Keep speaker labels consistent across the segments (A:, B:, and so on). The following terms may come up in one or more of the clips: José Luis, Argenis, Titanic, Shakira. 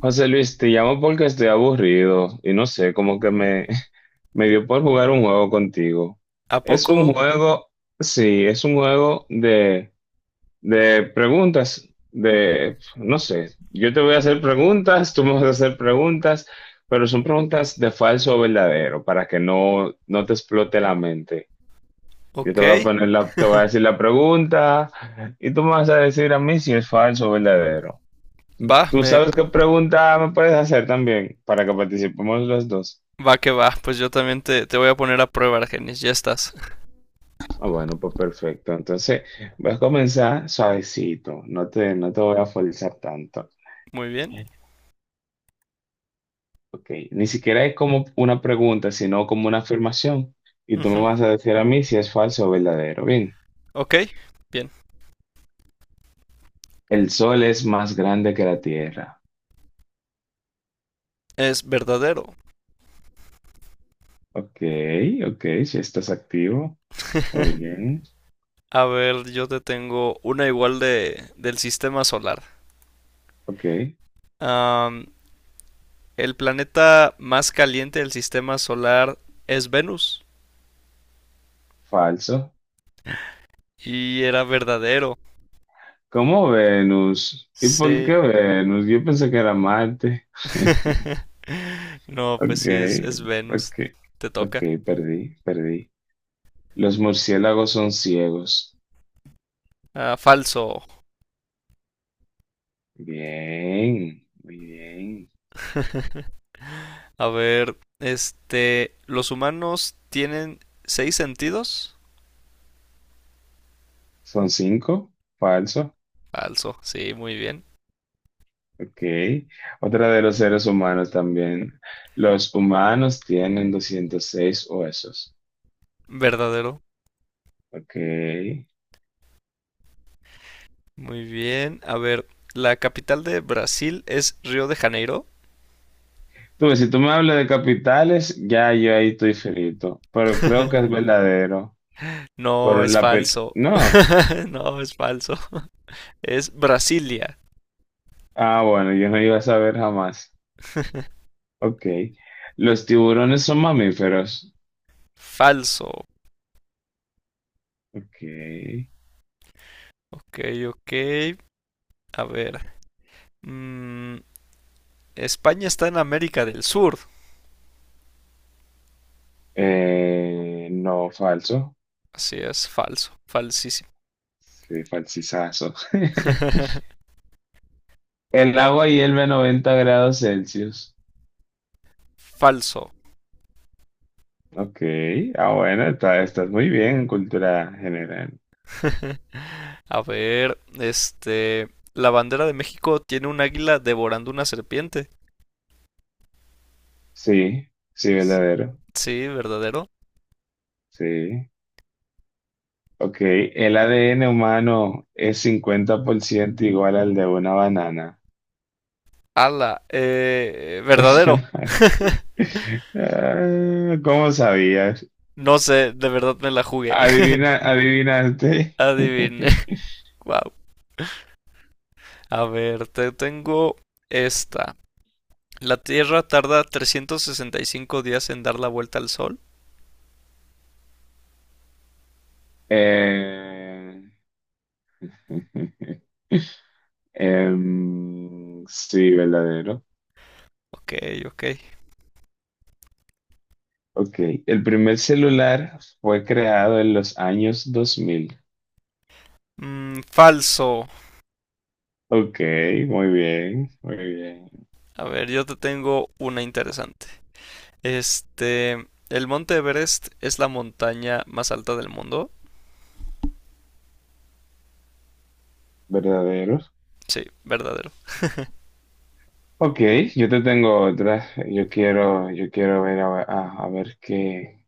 A: José Luis, te llamo porque estoy aburrido y no sé, como que me, me dio por jugar un juego contigo.
B: ¿A
A: Es un
B: poco?
A: juego, sí, es un juego de preguntas, de, no sé, yo te voy a hacer preguntas, tú me vas a hacer preguntas, pero son preguntas de falso o verdadero para que no te explote la mente. Yo te voy a
B: Ok.
A: poner te voy a decir la pregunta y tú me vas a decir a mí si es falso o verdadero.
B: Va,
A: Tú
B: me
A: sabes qué pregunta me puedes hacer también para que participemos los dos.
B: Va que va. Pues yo también te voy a poner a prueba, Argenis. Ya estás.
A: Ah, bueno, pues perfecto. Entonces, voy a comenzar suavecito. No te voy a forzar tanto.
B: Muy bien.
A: Ok, ni siquiera es como una pregunta, sino como una afirmación. Y tú me
B: Ujú.
A: vas a decir a mí si es falso o verdadero. Bien,
B: Ok, bien.
A: el sol es más grande que la tierra.
B: Es verdadero.
A: Ok, ok, si estás activo. Muy bien.
B: A ver, yo te tengo una igual de del sistema solar.
A: Ok,
B: Am, el planeta más caliente del sistema solar es Venus.
A: falso.
B: Y era verdadero.
A: ¿Cómo Venus? ¿Y por qué
B: Sí.
A: Venus? Yo pensé que era Marte.
B: No, pues
A: Ok,
B: sí, es Venus.
A: ok,
B: Te
A: ok,
B: toca.
A: perdí, perdí. Los murciélagos son ciegos.
B: Ah, falso.
A: Bien, muy bien.
B: A ver, este, ¿los humanos tienen seis sentidos?
A: ¿Son cinco? Falso.
B: Falso, sí, muy bien.
A: Ok. Otra de los seres humanos también. Los humanos tienen 206 huesos.
B: Verdadero,
A: Ok.
B: muy bien. A ver, ¿la capital de Brasil es Río de Janeiro?
A: Tú ves, si tú me hablas de capitales, ya yo ahí estoy frito. Pero creo que es verdadero.
B: No, es falso.
A: No.
B: No, es falso. Es Brasilia.
A: Ah, bueno, yo no iba a saber jamás. Ok. Los tiburones son mamíferos.
B: Falso.
A: Ok.
B: Ok, ok. A ver. mm, España está en América del Sur.
A: No, falso.
B: Así es, falso. Falsísimo.
A: Sí, falsizazo. El agua hierve a 90 grados Celsius.
B: Falso.
A: Ok. Ah, bueno, estás muy bien en cultura general.
B: A ver, este, la bandera de México tiene un águila devorando una serpiente.
A: Sí, sí,
B: S-
A: verdadero.
B: Sí, verdadero.
A: Sí. Ok. El ADN humano es 50% igual al de una banana.
B: Ala, verdadero.
A: Ah, ¿cómo sabías?
B: No sé, de verdad me la jugué.
A: Adivina, adivinaste.
B: Adivine. Wow. A ver, te tengo esta. La Tierra tarda 365 días en dar la vuelta al Sol.
A: Eh, sí, verdadero.
B: Ok, ok.
A: Ok. El primer celular fue creado en los años 2000.
B: Falso.
A: Ok, muy bien, muy bien.
B: A ver, yo te tengo una interesante. Este, el monte Everest es la montaña más alta del mundo.
A: Verdadero.
B: Sí, verdadero.
A: Ok, yo te tengo otra. Yo quiero ver a ver qué,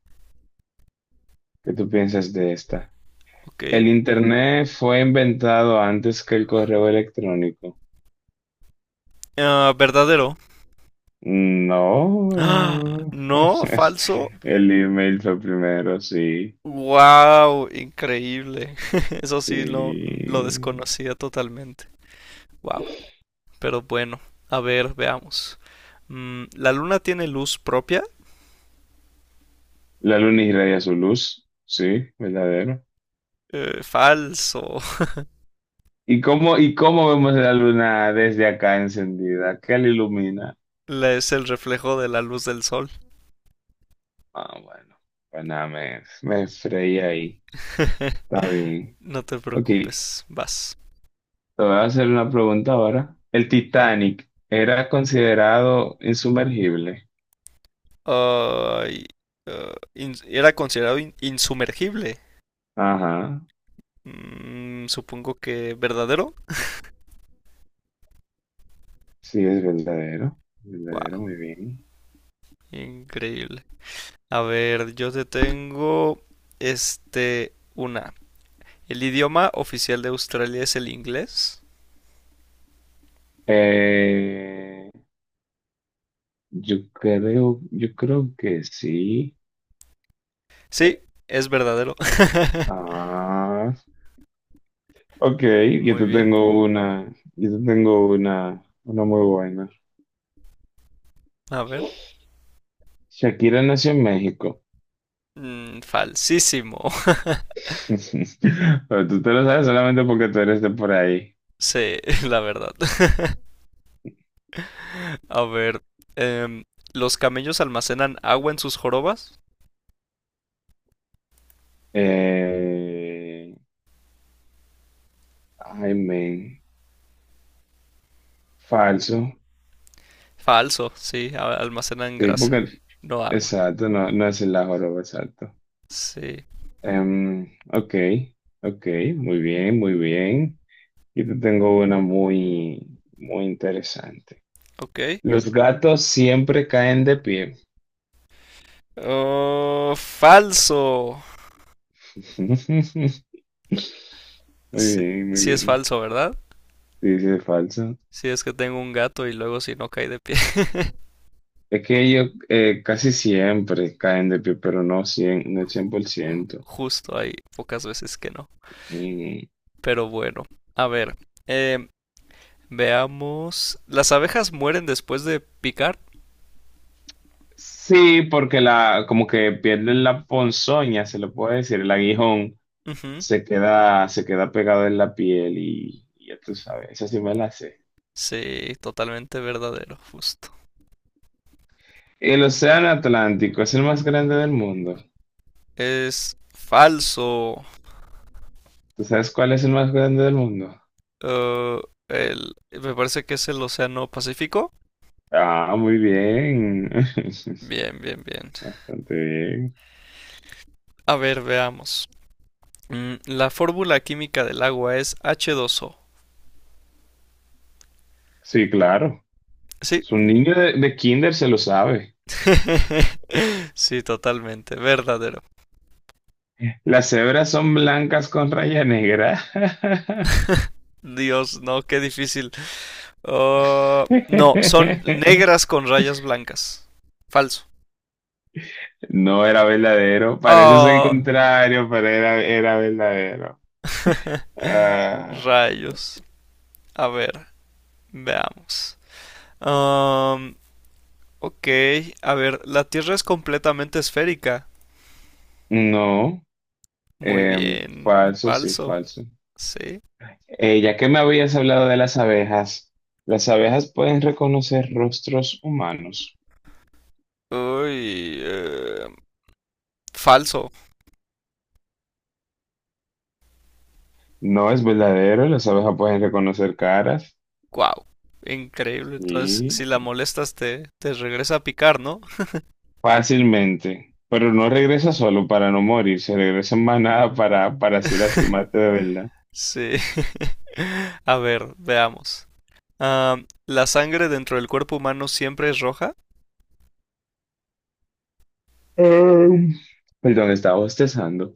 A: qué tú piensas de esta.
B: Ok.
A: El internet fue inventado antes que el correo electrónico.
B: Ah, verdadero. ¡Ah!
A: No.
B: No, falso.
A: El email fue primero, sí.
B: Wow, increíble. Eso sí, lo
A: Sí.
B: desconocía totalmente. Wow. Pero bueno, a ver, veamos. ¿La luna tiene luz propia?
A: La luna irradia su luz, sí, verdadero.
B: Falso.
A: ¿Y cómo vemos la luna desde acá encendida? ¿Qué la ilumina?
B: Es el reflejo de la luz del sol.
A: Ah, bueno. Pues nada, me freí ahí. Está bien.
B: No te
A: Ok, te
B: preocupes, vas.
A: voy a hacer una pregunta ahora. ¿El Titanic era considerado insumergible?
B: Ay, era considerado insumergible.
A: Ajá,
B: Supongo que verdadero.
A: sí, es verdadero, verdadero,
B: Wow,
A: muy bien.
B: increíble. A ver, yo te tengo una. ¿El idioma oficial de Australia es el inglés?
A: Eh, yo creo que sí.
B: Sí,
A: Eh,
B: es verdadero.
A: ah, ok, yo
B: Muy
A: te
B: bien.
A: tengo una, yo te tengo una muy buena.
B: A ver.
A: Shakira nació en México.
B: Falsísimo.
A: Pero tú te lo sabes solamente porque tú eres de por ahí.
B: Sí, la verdad. A ver, em, ¿los camellos almacenan agua en sus jorobas?
A: Eh, ay, men, falso.
B: Falso, sí, almacenan
A: Sí,
B: grasa,
A: porque,
B: no agua.
A: exacto, no es el la joroba, exacto.
B: Sí,
A: Em, ok, ok, muy bien, muy bien. Yo te tengo una muy, muy interesante.
B: ok.
A: Los gatos siempre caen de pie.
B: Oh, falso.
A: Muy
B: Sí,
A: bien, muy
B: sí es
A: bien.
B: falso, ¿verdad?
A: Sí, sí, es falso.
B: Sí, es que tengo un gato y luego si no cae de pie.
A: Es que ellos casi siempre caen de pie, pero no el 100%.
B: Justo hay pocas veces que no.
A: Mm,
B: Pero bueno, a ver. em, Veamos. ¿Las abejas mueren después de picar?
A: sí, porque como que pierden la ponzoña, se le puede decir, el aguijón.
B: Ujú.
A: Se queda pegado en la piel y ya tú sabes, esa sí me la sé.
B: Sí, totalmente verdadero, justo.
A: El océano Atlántico es el más grande del mundo.
B: Es falso.
A: ¿Tú sabes cuál es el más grande del mundo?
B: Eh, Me parece que es el Océano Pacífico.
A: Ah, muy bien.
B: Bien, bien, bien.
A: Bastante bien.
B: A ver, veamos. La fórmula química del agua es H2O.
A: Sí, claro.
B: Sí.
A: Su niño de kinder se lo sabe.
B: Sí, totalmente. Verdadero.
A: Las cebras son blancas con raya negra.
B: Dios, no, qué difícil. Ah, no, son negras con rayas blancas. Falso.
A: No era verdadero. Parece ser el
B: Ah.
A: contrario, pero era verdadero. Ah,
B: Rayos. A ver, veamos. Am, ok, a ver, la Tierra es completamente esférica.
A: no.
B: Muy
A: Em,
B: bien.
A: falso, sí,
B: Falso.
A: falso.
B: Sí.
A: Ya que me habías hablado de las abejas pueden reconocer rostros humanos.
B: Uy, falso.
A: No es verdadero, las abejas pueden reconocer caras
B: Wow, increíble. Entonces, si
A: y
B: la molestas, te regresa a picar, ¿no?
A: fácilmente, pero no regresa solo para no morir, se regresa en manada para así lastimarte de verdad.
B: Sí. A ver, veamos. Ah, ¿la sangre dentro del cuerpo humano siempre es roja?
A: Em, perdón, estaba bostezando.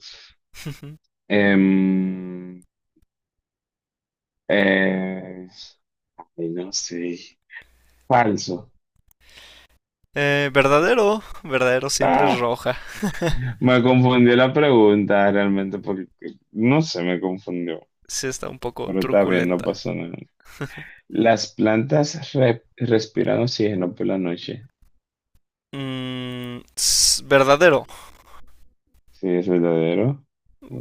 A: Em, eh, ay, no sé, falso.
B: Verdadero, verdadero siempre es
A: Ah,
B: roja.
A: me confundió la pregunta realmente porque no sé, me confundió,
B: Sí está un poco
A: pero está bien, no
B: truculenta.
A: pasó nada. Las plantas respiran oxígeno por la noche.
B: Verdadero.
A: Sí, es verdadero.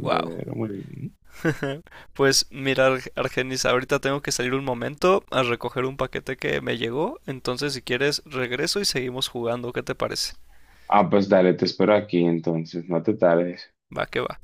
B: Wow.
A: muy bien.
B: Pues mira, Argenis, ahorita tengo que salir un momento a recoger un paquete que me llegó, entonces si quieres regreso y seguimos jugando, ¿qué te parece?
A: Ah, pues dale, te espero aquí entonces, no te tardes.
B: Va que va.